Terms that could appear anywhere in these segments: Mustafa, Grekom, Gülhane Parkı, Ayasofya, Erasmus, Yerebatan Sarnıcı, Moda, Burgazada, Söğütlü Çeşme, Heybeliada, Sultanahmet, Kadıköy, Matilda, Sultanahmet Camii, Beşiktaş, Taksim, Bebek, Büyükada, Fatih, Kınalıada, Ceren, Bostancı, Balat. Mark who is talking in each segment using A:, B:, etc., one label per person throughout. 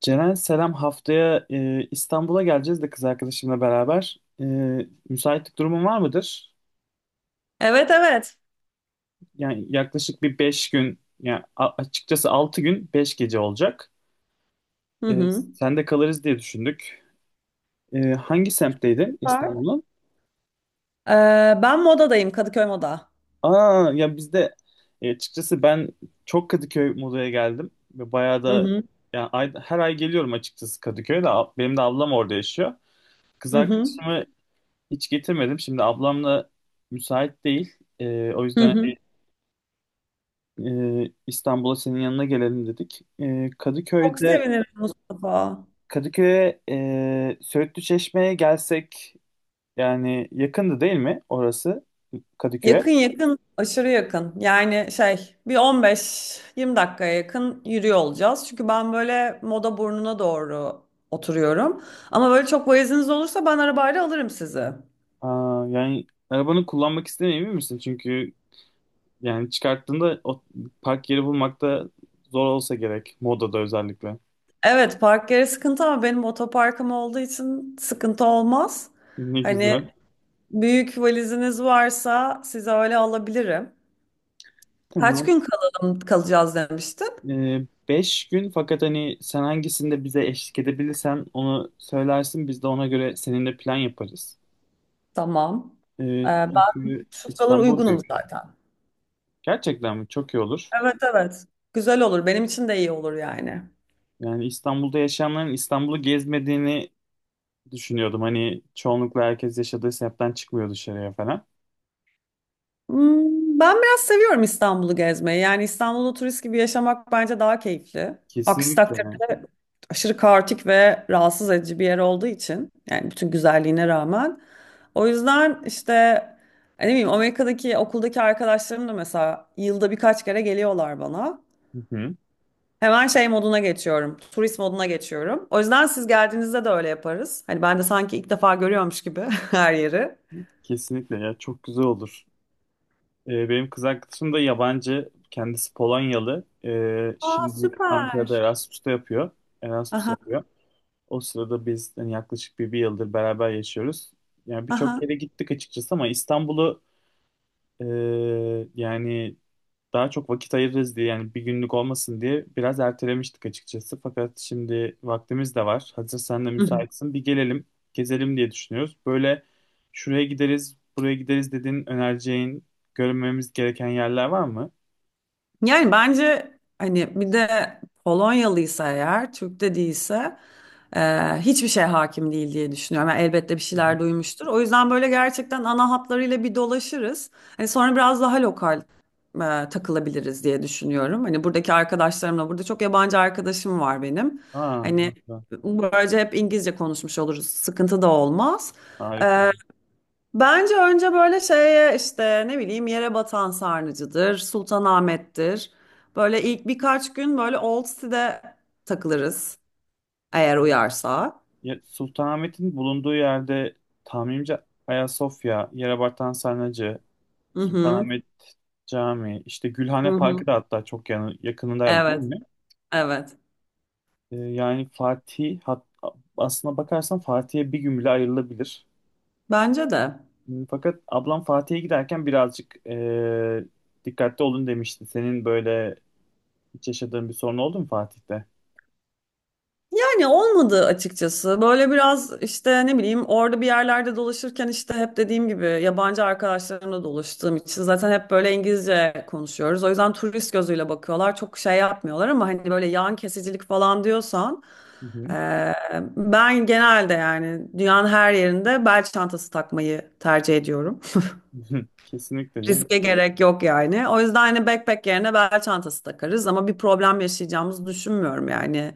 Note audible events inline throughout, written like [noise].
A: Ceren selam, haftaya İstanbul'a geleceğiz de, kız arkadaşımla beraber. Müsaitlik durumun var mıdır?
B: Evet, evet.
A: Yani yaklaşık bir 5 gün, yani açıkçası 6 gün 5 gece olacak.
B: Hı
A: E,
B: hı.
A: Sen de kalırız diye düşündük. Hangi semtteydin
B: Süper.
A: İstanbul'un?
B: Ben modadayım, Kadıköy Moda.
A: Aa ya bizde açıkçası ben çok Kadıköy modaya geldim ve bayağı
B: Hı
A: da,
B: hı.
A: yani her ay geliyorum açıkçası Kadıköy'de. Benim de ablam orada yaşıyor. Kız
B: Hı hı.
A: arkadaşımı hiç getirmedim. Şimdi ablamla müsait değil. O
B: Hı
A: yüzden
B: hı.
A: İstanbul'a senin yanına gelelim dedik.
B: Çok sevinirim, Mustafa.
A: Kadıköy'e Söğütlü Çeşme'ye gelsek, yani yakındı değil mi orası, Kadıköy'e?
B: Yakın, yakın, aşırı yakın. Yani şey, bir 15-20 dakikaya yakın yürüyor olacağız, çünkü ben böyle moda burnuna doğru oturuyorum. Ama böyle çok valiziniz olursa ben arabayla alırım sizi.
A: Aa, yani arabanı kullanmak istemiyor misin? Çünkü yani çıkarttığında o park yeri bulmakta zor olsa gerek. Moda'da özellikle.
B: Evet, park yeri sıkıntı ama benim otoparkım olduğu için sıkıntı olmaz.
A: Ne
B: Hani
A: güzel.
B: büyük valiziniz varsa size öyle alabilirim. Kaç
A: Tamam.
B: gün kalalım, kalacağız demiştin?
A: 5 gün, fakat hani sen hangisinde bize eşlik edebilirsen onu söylersin, biz de ona göre seninle plan yaparız.
B: Tamam. Ee, ben
A: Çünkü
B: şu sıralar
A: İstanbul
B: uygunum
A: büyük.
B: zaten.
A: Gerçekten mi? Çok iyi olur.
B: Evet, evet. Güzel olur. Benim için de iyi olur yani.
A: Yani İstanbul'da yaşayanların İstanbul'u gezmediğini düşünüyordum. Hani çoğunlukla herkes yaşadığı semtten çıkmıyor dışarıya falan.
B: Ben biraz seviyorum İstanbul'u gezmeyi. Yani İstanbul'u turist gibi yaşamak bence daha keyifli. Aksi
A: Kesinlikle.
B: takdirde aşırı kaotik ve rahatsız edici bir yer olduğu için, yani bütün güzelliğine rağmen. O yüzden işte hani ne bileyim, Amerika'daki okuldaki arkadaşlarım da mesela yılda birkaç kere geliyorlar bana.
A: Hı hı.
B: Hemen şey moduna geçiyorum, turist moduna geçiyorum. O yüzden siz geldiğinizde de öyle yaparız. Hani ben de sanki ilk defa görüyormuş gibi [laughs] her yeri.
A: Kesinlikle ya, çok güzel olur. Benim kız arkadaşım da yabancı. Kendisi Polonyalı.
B: Aa,
A: Şimdi
B: süper.
A: Ankara'da Erasmus'ta yapıyor. Erasmus
B: Aha,
A: yapıyor. O sırada biz, yani yaklaşık bir yıldır beraber yaşıyoruz. Yani birçok
B: aha.
A: kere gittik açıkçası ama İstanbul'u e, yani daha çok vakit ayırırız diye, yani bir günlük olmasın diye biraz ertelemiştik açıkçası. Fakat şimdi vaktimiz de var. Hazır sen de müsaitsin. Bir gelelim, gezelim diye düşünüyoruz. Böyle şuraya gideriz, buraya gideriz dediğin, önereceğin, görmemiz gereken yerler var mı?
B: Yani bence hani bir de Polonyalıysa eğer, Türk de değilse hiçbir şey hakim değil diye düşünüyorum. Yani elbette bir
A: Hı
B: şeyler
A: hı.
B: duymuştur. O yüzden böyle gerçekten ana hatlarıyla bir dolaşırız. Hani sonra biraz daha lokal takılabiliriz diye düşünüyorum. Hani buradaki arkadaşlarımla, burada çok yabancı arkadaşım var benim.
A: Aa,
B: Hani
A: harika.
B: böylece hep İngilizce konuşmuş oluruz, sıkıntı da olmaz.
A: Harika.
B: Bence önce böyle şeye işte ne bileyim, yere batan sarnıcı'dır, Sultanahmet'tir. Böyle ilk birkaç gün böyle Old City'de takılırız eğer uyarsa.
A: Ya, Sultanahmet'in bulunduğu yerde tahminimce Ayasofya, Yerebatan Sarnıcı,
B: Hı hı.
A: Sultanahmet Camii, işte
B: Hı
A: Gülhane Parkı
B: hı.
A: da hatta çok yakınındaydı değil
B: Evet,
A: mi?
B: evet.
A: Yani aslına bakarsan Fatih'e bir gün bile ayrılabilir.
B: Bence de.
A: Fakat ablam Fatih'e giderken birazcık dikkatli olun demişti. Senin böyle hiç yaşadığın bir sorun oldu mu Fatih'te?
B: Yani olmadı açıkçası. Böyle biraz işte ne bileyim, orada bir yerlerde dolaşırken işte hep dediğim gibi yabancı arkadaşlarımla dolaştığım için zaten hep böyle İngilizce konuşuyoruz. O yüzden turist gözüyle bakıyorlar, çok şey yapmıyorlar. Ama hani böyle yan kesicilik falan diyorsan,
A: Hı hı.
B: Ee, ben genelde yani dünyanın her yerinde bel çantası takmayı tercih ediyorum.
A: [laughs] Kesinlikle canım.
B: Riske gerek yok yani. O yüzden hani backpack yerine bel çantası takarız, ama bir problem yaşayacağımızı düşünmüyorum yani.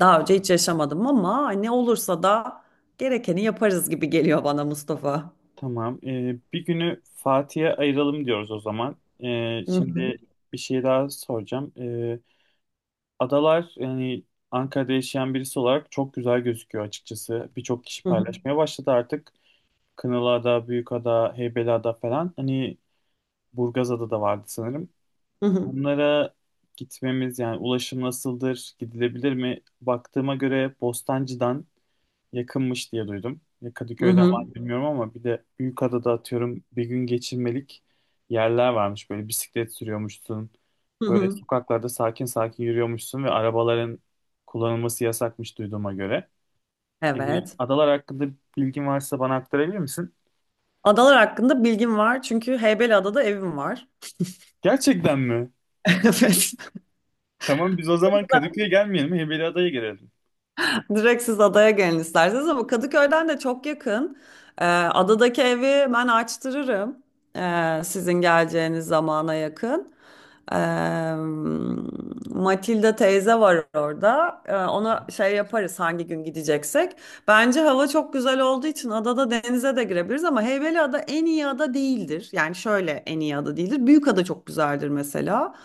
B: Daha önce hiç yaşamadım, ama hani olursa da gerekeni yaparız gibi geliyor bana, Mustafa.
A: Tamam. Bir günü Fatih'e ayıralım diyoruz o zaman.
B: Hı hı,
A: Şimdi bir şey daha soracağım. Adalar, yani Ankara'da yaşayan birisi olarak çok güzel gözüküyor açıkçası. Birçok kişi
B: hı hı,
A: paylaşmaya başladı artık. Kınalıada, Büyükada, Heybeliada falan. Hani Burgazada da vardı sanırım.
B: hı hı,
A: Bunlara gitmemiz, yani ulaşım nasıldır, gidilebilir mi? Baktığıma göre Bostancı'dan yakınmış diye duydum. Ya
B: hı
A: Kadıköy'den
B: hı,
A: var mı bilmiyorum, ama bir de Büyükada'da atıyorum bir gün geçirmelik yerler varmış. Böyle bisiklet sürüyormuşsun.
B: hı
A: Böyle
B: hı.
A: sokaklarda sakin sakin yürüyormuşsun ve arabaların kullanılması yasakmış duyduğuma göre. Yani
B: Evet.
A: adalar hakkında bilgin varsa bana aktarabilir misin?
B: Adalar hakkında bilgim var, çünkü Heybeliada'da evim var.
A: Gerçekten mi?
B: [laughs]
A: Tamam, biz o zaman
B: Evet.
A: Kadıköy'e gelmeyelim. Heybeliada'ya gelelim.
B: [laughs] Direkt siz adaya gelin isterseniz, ama Kadıköy'den de çok yakın. Adadaki evi ben açtırırım. Sizin geleceğiniz zamana yakın. Eee Matilda teyze var orada. Ona
A: Hı
B: şey yaparız hangi gün gideceksek. Bence hava çok güzel olduğu için adada denize de girebiliriz, ama Heybeliada en iyi ada değildir. Yani şöyle, en iyi ada değildir. Büyükada çok güzeldir mesela.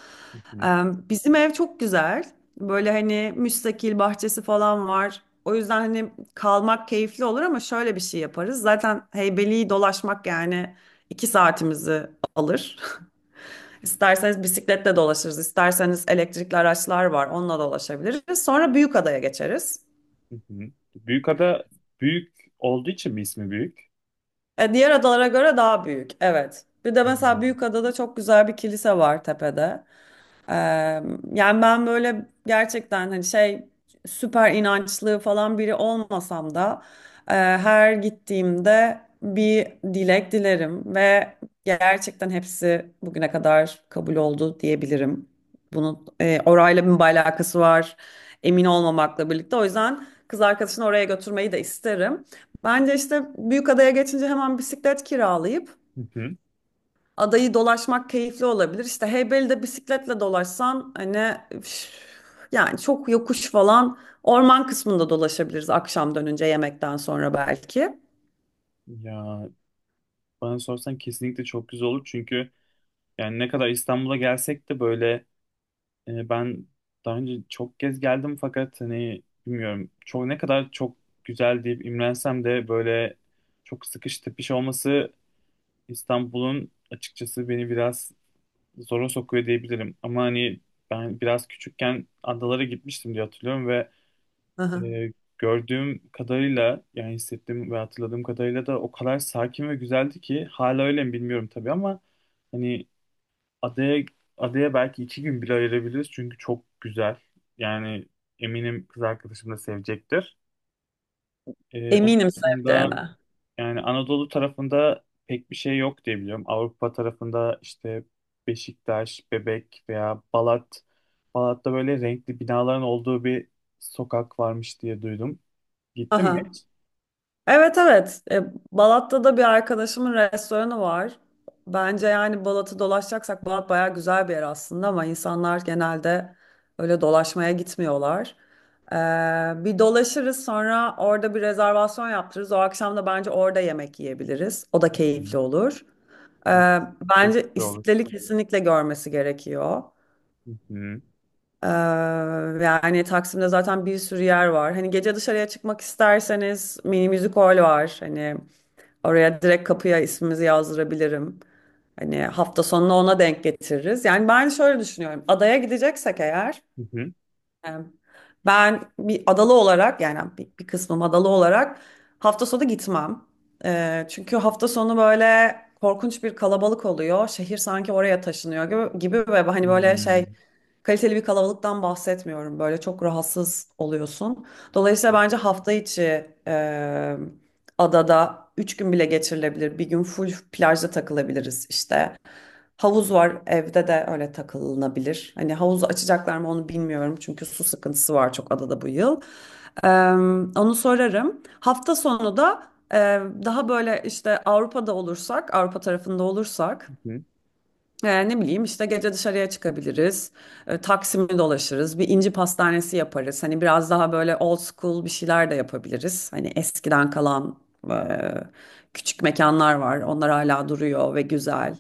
B: Eee,
A: hı,
B: bizim ev çok güzel. Böyle hani müstakil bahçesi falan var. O yüzden hani kalmak keyifli olur, ama şöyle bir şey yaparız. Zaten Heybeli'yi dolaşmak yani 2 saatimizi alır. İsterseniz bisikletle dolaşırız, isterseniz elektrikli araçlar var, onunla dolaşabiliriz. Sonra büyük adaya geçeriz.
A: hı hı. Büyükada büyük olduğu için mi ismi büyük?
B: Diğer adalara göre daha büyük, evet. Bir de mesela
A: Hmm.
B: büyük adada çok güzel bir kilise var tepede. Ee, yani ben böyle gerçekten hani şey, süper inançlı falan biri olmasam da her gittiğimde bir dilek dilerim ve gerçekten hepsi bugüne kadar kabul oldu diyebilirim. Bunun orayla bir alakası var, emin olmamakla birlikte. O yüzden kız arkadaşını oraya götürmeyi de isterim. Bence işte Büyükada'ya geçince hemen bisiklet kiralayıp
A: Hı hı.
B: adayı dolaşmak keyifli olabilir. İşte Heybeli'de bisikletle dolaşsan hani üf, yani çok yokuş. Falan orman kısmında dolaşabiliriz akşam dönünce, yemekten sonra belki.
A: Ya, bana sorsan kesinlikle çok güzel olur, çünkü yani ne kadar İstanbul'a gelsek de böyle, ben daha önce çok kez geldim, fakat hani bilmiyorum, çok ne kadar çok güzel deyip imrensem de böyle çok sıkış tepiş olması İstanbul'un açıkçası beni biraz zora sokuyor diyebilirim. Ama hani ben biraz küçükken adalara gitmiştim diye hatırlıyorum,
B: Hı hı.
A: ee, gördüğüm kadarıyla, yani hissettiğim ve hatırladığım kadarıyla da o kadar sakin ve güzeldi ki, hala öyle mi bilmiyorum tabii ama hani adaya adaya belki 2 gün bile ayırabiliriz çünkü çok güzel. Yani eminim kız arkadaşım da sevecektir. Onun
B: Eminim
A: dışında
B: seveceğine.
A: yani Anadolu tarafında pek bir şey yok diye biliyorum. Avrupa tarafında işte Beşiktaş, Bebek veya Balat. Balat'ta böyle renkli binaların olduğu bir sokak varmış diye duydum. Gittin mi?
B: Aha. Evet, evet. Balat'ta da bir arkadaşımın restoranı var. Bence yani Balat'ı dolaşacaksak, Balat bayağı güzel bir yer aslında, ama insanlar genelde öyle dolaşmaya gitmiyorlar. E, bir dolaşırız, sonra orada bir rezervasyon yaptırırız. O akşam da bence orada yemek yiyebiliriz, o da keyifli
A: Hı.
B: olur. E,
A: Evet, çok
B: bence
A: güzel olur.
B: İstiklal'i kesinlikle görmesi gerekiyor.
A: Hı hı.
B: E, yani Taksim'de zaten bir sürü yer var. Hani gece dışarıya çıkmak isterseniz, mini müzik hol var. Hani oraya direkt kapıya ismimizi yazdırabilirim. Hani hafta sonunu ona denk getiririz. Yani ben şöyle düşünüyorum: adaya gideceksek eğer,
A: Hı hı.
B: e, ben bir adalı olarak, yani bir kısmım adalı olarak, hafta sonu gitmem. Çünkü hafta sonu böyle korkunç bir kalabalık oluyor. Şehir sanki oraya taşınıyor gibi, gibi. Ve hani böyle şey,
A: Hmm.
B: kaliteli bir kalabalıktan bahsetmiyorum. Böyle çok rahatsız oluyorsun. Dolayısıyla bence hafta içi adada 3 gün bile geçirilebilir. Bir gün full plajda takılabiliriz işte. Havuz var evde, de öyle takılınabilir. Hani havuzu açacaklar mı onu bilmiyorum, çünkü su sıkıntısı var çok adada bu yıl. E, onu sorarım. Hafta sonu da e, daha böyle işte Avrupa'da olursak, Avrupa tarafında olursak,
A: Hı hı.
B: ne bileyim işte, gece dışarıya çıkabiliriz. Taksim'i dolaşırız, bir inci pastanesi yaparız. Hani biraz daha böyle old school bir şeyler de yapabiliriz. Hani eskiden kalan e, küçük mekanlar var, onlar hala duruyor ve güzel.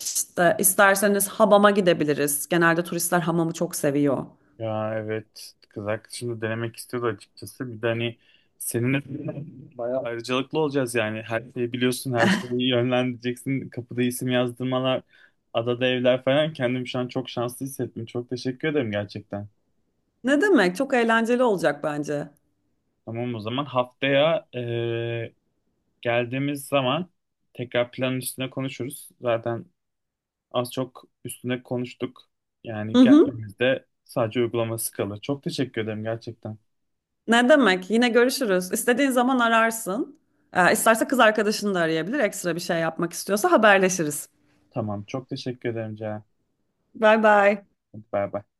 B: İşte isterseniz hamama gidebiliriz, genelde turistler hamamı çok seviyor.
A: Ya evet, kız arkadaşım da denemek istiyordu açıkçası. Bir de hani seninle [laughs] bayağı ayrıcalıklı olacağız yani. Her şeyi biliyorsun, her şeyi yönlendireceksin. Kapıda isim yazdırmalar, adada evler falan. Kendimi şu an çok şanslı hissettim. Çok teşekkür ederim gerçekten.
B: Ne demek? Çok eğlenceli olacak bence.
A: Tamam, o zaman haftaya geldiğimiz zaman tekrar planın üstüne konuşuruz. Zaten az çok üstüne konuştuk.
B: Hı
A: Yani
B: hı.
A: geldiğimizde sadece uygulaması kalır. Çok teşekkür ederim gerçekten.
B: Ne demek? Yine görüşürüz, İstediğin zaman ararsın. E, isterse kız arkadaşını da arayabilir, ekstra bir şey yapmak istiyorsa haberleşiriz.
A: Tamam, çok teşekkür ederim Ceren.
B: Bye bye.
A: Hadi bay bay.